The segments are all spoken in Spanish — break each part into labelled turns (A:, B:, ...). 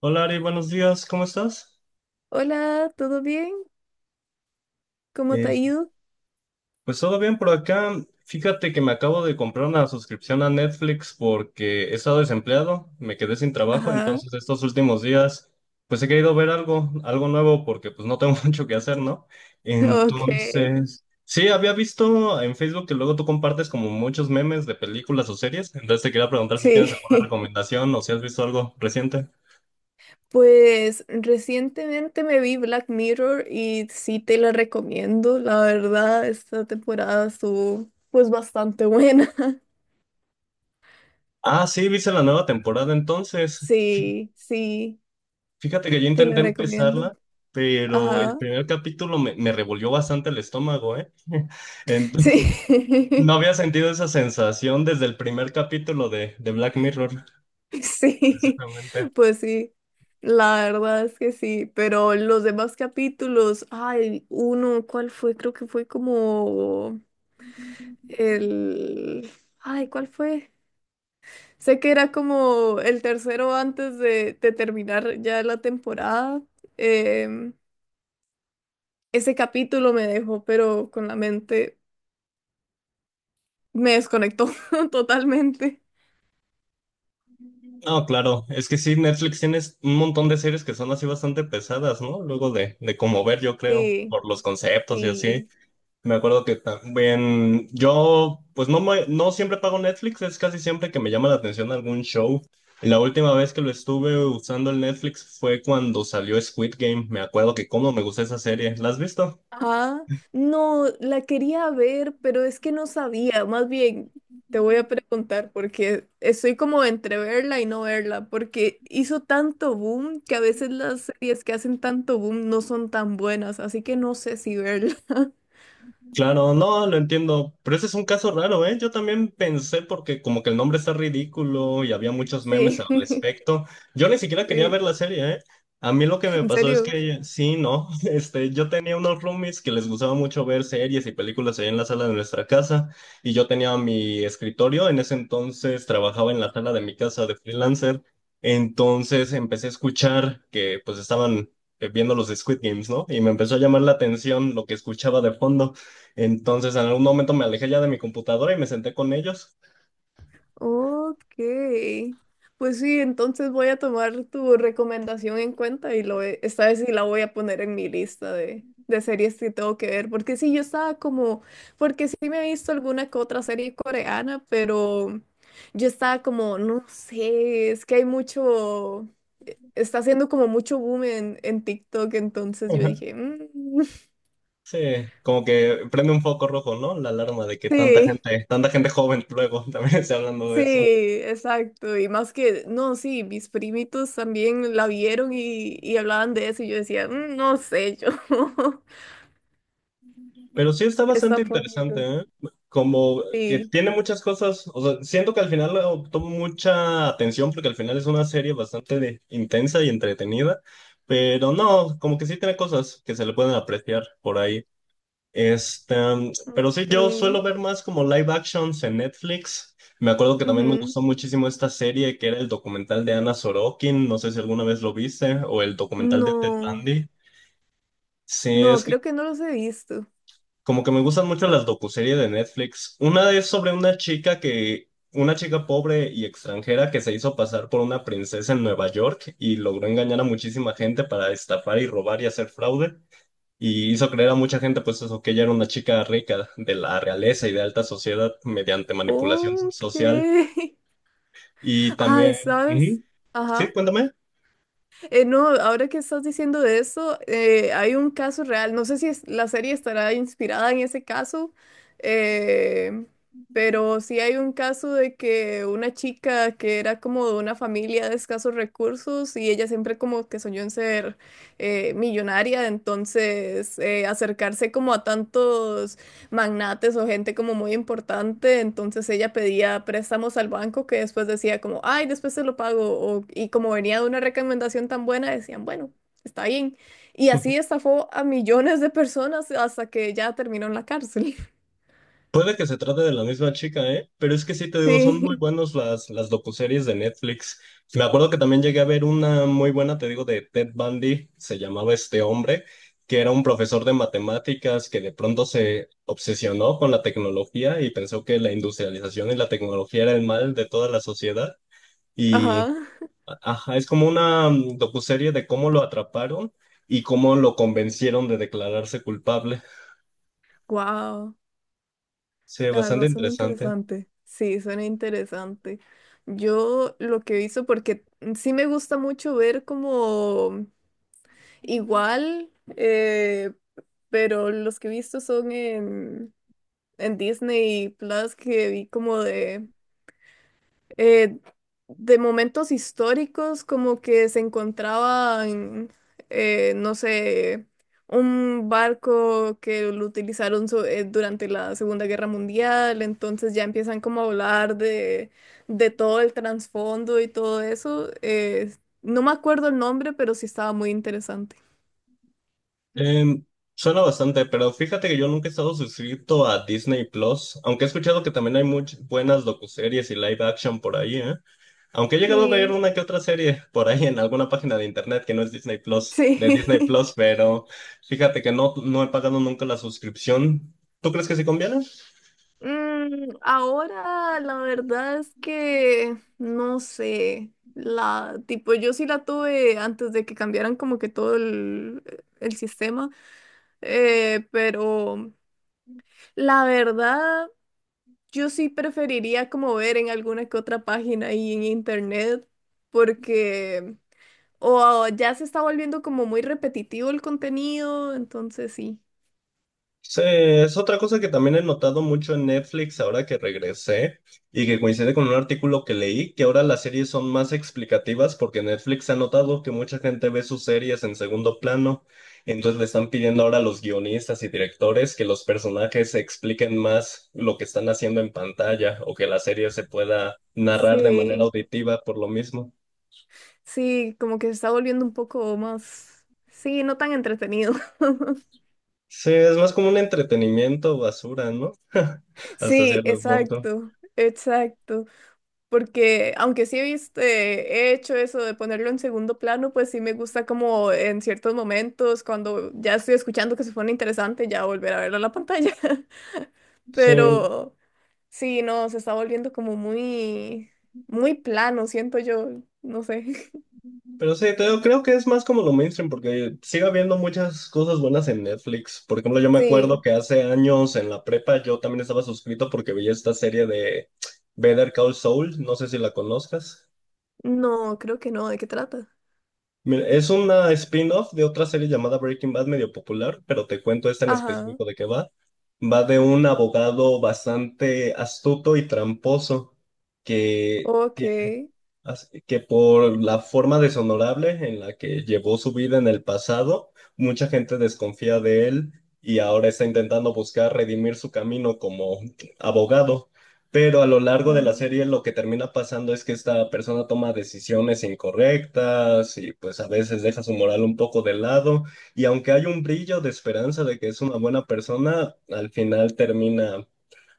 A: Hola Ari, buenos días, ¿cómo estás?
B: Hola, ¿todo bien? ¿Cómo te
A: Eh,
B: ha ido?
A: pues todo bien por acá. Fíjate que me acabo de comprar una suscripción a Netflix porque he estado desempleado, me quedé sin trabajo,
B: Ajá,
A: entonces estos últimos días pues he querido ver algo, algo nuevo porque pues no tengo mucho que hacer, ¿no?
B: ok.
A: Entonces, sí, había visto en Facebook que luego tú compartes como muchos memes de películas o series, entonces te quería preguntar si tienes
B: Sí.
A: alguna recomendación o si has visto algo reciente.
B: Pues recientemente me vi Black Mirror y sí te la recomiendo. La verdad, esta temporada estuvo pues bastante buena.
A: Ah, sí, viste la nueva temporada entonces.
B: Sí, sí,
A: Fíjate que yo
B: te la
A: intenté
B: recomiendo.
A: empezarla, pero el
B: Ajá.
A: primer capítulo me revolvió bastante el estómago, ¿eh? Entonces, no
B: Sí.
A: había sentido esa sensación desde el primer capítulo de Black Mirror,
B: Sí,
A: precisamente.
B: pues sí. La verdad es que sí, pero los demás capítulos, ay, uno, ¿cuál fue? Creo que fue como el... Ay, ¿cuál fue? Sé que era como el tercero antes de terminar ya la temporada. Em, ese capítulo me dejó, pero con la mente me desconectó totalmente.
A: No, claro, es que sí, Netflix tiene un montón de series que son así bastante pesadas, ¿no? Luego de cómo ver, yo creo,
B: Sí,
A: por los conceptos y así.
B: sí.
A: Me acuerdo que también yo, pues no, no siempre pago Netflix, es casi siempre que me llama la atención algún show. La última vez que lo estuve usando el Netflix fue cuando salió Squid Game. Me acuerdo que cómo me gustó esa serie. ¿La has visto?
B: Ajá. No, la quería ver, pero es que no sabía. Más bien, te voy a preguntar porque estoy como entre verla y no verla, porque hizo tanto boom que a veces las series que hacen tanto boom no son tan buenas, así que no sé si verla.
A: Claro, no, lo entiendo, pero ese es un caso raro, ¿eh? Yo también pensé porque como que el nombre está ridículo y había muchos memes
B: Sí,
A: al respecto. Yo ni siquiera quería
B: sí,
A: ver la serie, ¿eh? A mí lo que me
B: en
A: pasó es
B: serio.
A: que sí, no, este, yo tenía unos roomies que les gustaba mucho ver series y películas ahí en la sala de nuestra casa y yo tenía mi escritorio, en ese entonces trabajaba en la sala de mi casa de freelancer, entonces empecé a escuchar que pues estaban viendo los de Squid Games, ¿no? Y me empezó a llamar la atención lo que escuchaba de fondo. Entonces, en algún momento me alejé ya de mi computadora y me senté con ellos.
B: Ok. Pues sí, entonces voy a tomar tu recomendación en cuenta y lo, ve- esta vez sí la voy a poner en mi lista de series que tengo que ver. Porque sí, yo estaba como, porque sí me he visto alguna que otra serie coreana, pero yo estaba como, no sé, es que hay mucho, está haciendo como mucho boom en TikTok, entonces yo dije, "Mm,
A: Sí, como que prende un foco rojo, ¿no? La alarma de que
B: sí.
A: tanta gente joven luego también está hablando de
B: Sí,
A: eso.
B: exacto. Y más que, no, sí, mis primitos también la vieron y hablaban de eso y yo decía, "Mm, no sé, yo
A: Pero sí está
B: es
A: bastante
B: tan
A: interesante,
B: poquito.
A: ¿eh? Como que
B: Sí.
A: tiene muchas cosas, o sea, siento que al final obtuvo mucha atención porque al final es una serie bastante intensa y entretenida, pero no, como que sí tiene cosas que se le pueden apreciar por ahí. Pero sí,
B: Ok.
A: yo suelo ver más como live actions en Netflix. Me acuerdo que también me
B: Ujú.
A: gustó muchísimo esta serie que era el documental de Anna Sorokin, no sé si alguna vez lo viste, o el documental de Ted
B: No,
A: Bundy. Sí,
B: no,
A: es que
B: creo que no los he visto.
A: como que me gustan mucho las docuseries de Netflix. Una es sobre una chica que, una chica pobre y extranjera que se hizo pasar por una princesa en Nueva York y logró engañar a muchísima gente para estafar y robar y hacer fraude y hizo creer a mucha gente, pues eso, que ella era una chica rica de la realeza y de alta sociedad mediante manipulación
B: Ok.
A: social. Y también...
B: Ay, ¿sabes?
A: Ujú. Sí,
B: Ajá.
A: cuéntame.
B: No, ahora que estás diciendo de eso, hay un caso real. No sé si es- la serie estará inspirada en ese caso, eh, pero sí hay un caso de que una chica que era como de una familia de escasos recursos y ella siempre como que soñó en ser millonaria, entonces acercarse como a tantos magnates o gente como muy importante, entonces ella pedía préstamos al banco que después decía como, ay, después se lo pago, o- y como venía de una recomendación tan buena, decían, bueno, está bien. Y así estafó a millones de personas hasta que ya terminó en la cárcel.
A: Puede que se trate de la misma chica, ¿eh? Pero es que sí te digo, son muy
B: Sí,
A: buenas las docuseries de Netflix. Me acuerdo que también llegué a ver una muy buena, te digo, de Ted Bundy, se llamaba este hombre, que era un profesor de matemáticas que de pronto se obsesionó con la tecnología y pensó que la industrialización y la tecnología era el mal de toda la sociedad. Y
B: ajá.
A: ajá, es como una docuserie de cómo lo atraparon y cómo lo convencieron de declararse culpable.
B: Wow,
A: Sí,
B: la
A: bastante
B: verdad suena
A: interesante.
B: interesante. Sí, suena interesante. Yo lo que hice, porque sí me gusta mucho ver como igual, eh, pero los que he visto son en Disney Plus que vi como eh, de momentos históricos, como que se encontraban, no sé, un barco que lo utilizaron so- durante la Segunda Guerra Mundial, entonces ya empiezan como a hablar de todo el trasfondo y todo eso. No me acuerdo el nombre, pero sí estaba muy interesante.
A: Em, Suena bastante, pero fíjate que yo nunca he estado suscrito a Disney Plus, aunque he escuchado que también hay muchas buenas docuseries y live action por ahí, ¿eh? Aunque he llegado a ver
B: Sí,
A: una que otra serie por ahí en alguna página de internet que no es Disney Plus, de Disney
B: sí.
A: Plus, pero fíjate que no, no he pagado nunca la suscripción. ¿Tú crees que sí conviene?
B: Mm, ahora la verdad es que no sé, la tipo yo sí la tuve antes de que cambiaran como que todo el sistema, pero la verdad yo sí preferiría como ver en alguna que otra página y en internet porque o ya se está volviendo como muy repetitivo el contenido, entonces sí.
A: Sí, es otra cosa que también he notado mucho en Netflix ahora que regresé y que coincide con un artículo que leí, que ahora las series son más explicativas porque Netflix ha notado que mucha gente ve sus series en segundo plano, entonces le están pidiendo ahora a los guionistas y directores que los personajes expliquen más lo que están haciendo en pantalla o que la serie se pueda narrar de manera
B: Sí.
A: auditiva por lo mismo.
B: Sí, como que se está volviendo un poco más, sí, no tan entretenido.
A: Sí, es más como un entretenimiento basura, ¿no? Hasta
B: Sí,
A: cierto punto.
B: exacto, exacto. Porque aunque sí he visto, he hecho eso de ponerlo en segundo plano, pues sí me gusta como en ciertos momentos, cuando ya estoy escuchando que se pone interesante, ya volver a verlo en la pantalla.
A: Sí.
B: Pero sí, no, se está volviendo como muy, muy plano, siento yo, no sé.
A: Pero sí, te digo, creo que es más como lo mainstream, porque sigue habiendo muchas cosas buenas en Netflix. Por ejemplo, yo me acuerdo
B: Sí,
A: que hace años en la prepa yo también estaba suscrito porque veía esta serie de Better Call Saul, no sé si la conozcas.
B: no, creo que no, ¿de qué trata?
A: Mira, es una spin-off de otra serie llamada Breaking Bad, medio popular, pero te cuento esta en
B: Ajá,
A: específico de qué va. Va de un abogado bastante astuto y tramposo que...
B: ok.
A: Así que por la forma deshonorable en la que llevó su vida en el pasado, mucha gente desconfía de él y ahora está intentando buscar redimir su camino como abogado. Pero a lo largo de la
B: Mm.
A: serie lo que termina pasando es que esta persona toma decisiones incorrectas y pues a veces deja su moral un poco de lado y aunque hay un brillo de esperanza de que es una buena persona, al final termina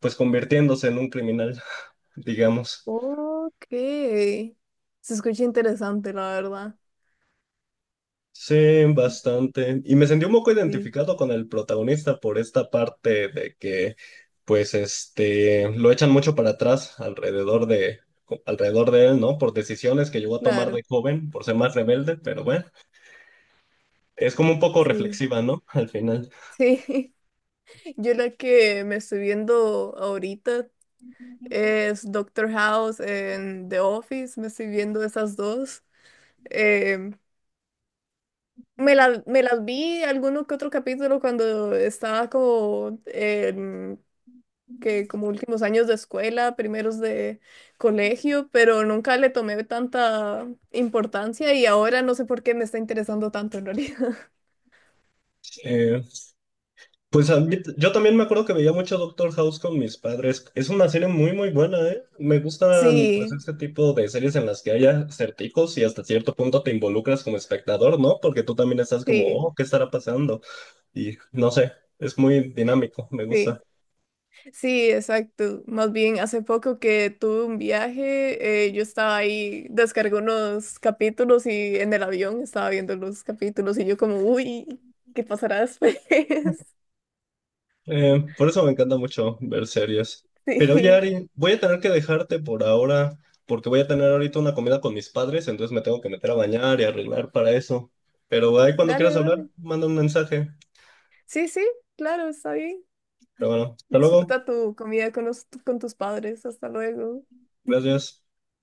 A: pues convirtiéndose en un criminal, digamos.
B: Ok. Se escucha interesante, la verdad.
A: Sí, bastante. Y me sentí un poco
B: Sí,
A: identificado con el protagonista por esta parte de que, pues, este, lo echan mucho para atrás alrededor de él, ¿no? Por decisiones que llegó a tomar
B: claro.
A: de joven, por ser más rebelde, pero bueno, es como un poco
B: Sí,
A: reflexiva, ¿no? Al final.
B: sí. Yo la que me estoy viendo ahorita es Doctor House en The Office. Me estoy viendo esas dos. Em, me la- me las vi alguno que otro capítulo cuando estaba como que como últimos años de escuela, primeros de colegio, pero nunca le tomé tanta importancia y ahora no sé por qué me está interesando tanto en realidad.
A: Eh, Pues yo también me acuerdo que veía mucho Doctor House con mis padres. Es una serie muy, muy buena, ¿eh? Me gustan, pues,
B: Sí,
A: este tipo de series en las que haya certicos y hasta cierto punto te involucras como espectador, ¿no? Porque tú también estás como,
B: sí,
A: oh, ¿qué estará pasando? Y no sé, es muy dinámico, me gusta.
B: sí, sí, exacto. Más bien, hace poco que tuve un viaje, yo estaba ahí, descargué unos capítulos y en el avión estaba viendo los capítulos y yo como, uy, ¿qué pasará después?
A: Por eso me encanta mucho ver series. Pero oye,
B: Sí,
A: Ari, voy a tener que dejarte por ahora, porque voy a tener ahorita una comida con mis padres, entonces me tengo que meter a bañar y arreglar para eso. Pero ahí cuando
B: dale,
A: quieras hablar,
B: dale.
A: manda un mensaje.
B: Sí, sí, claro, está bien.
A: Pero bueno, hasta luego.
B: Disfruta tu comida con, los- con tus padres. Hasta luego.
A: Gracias.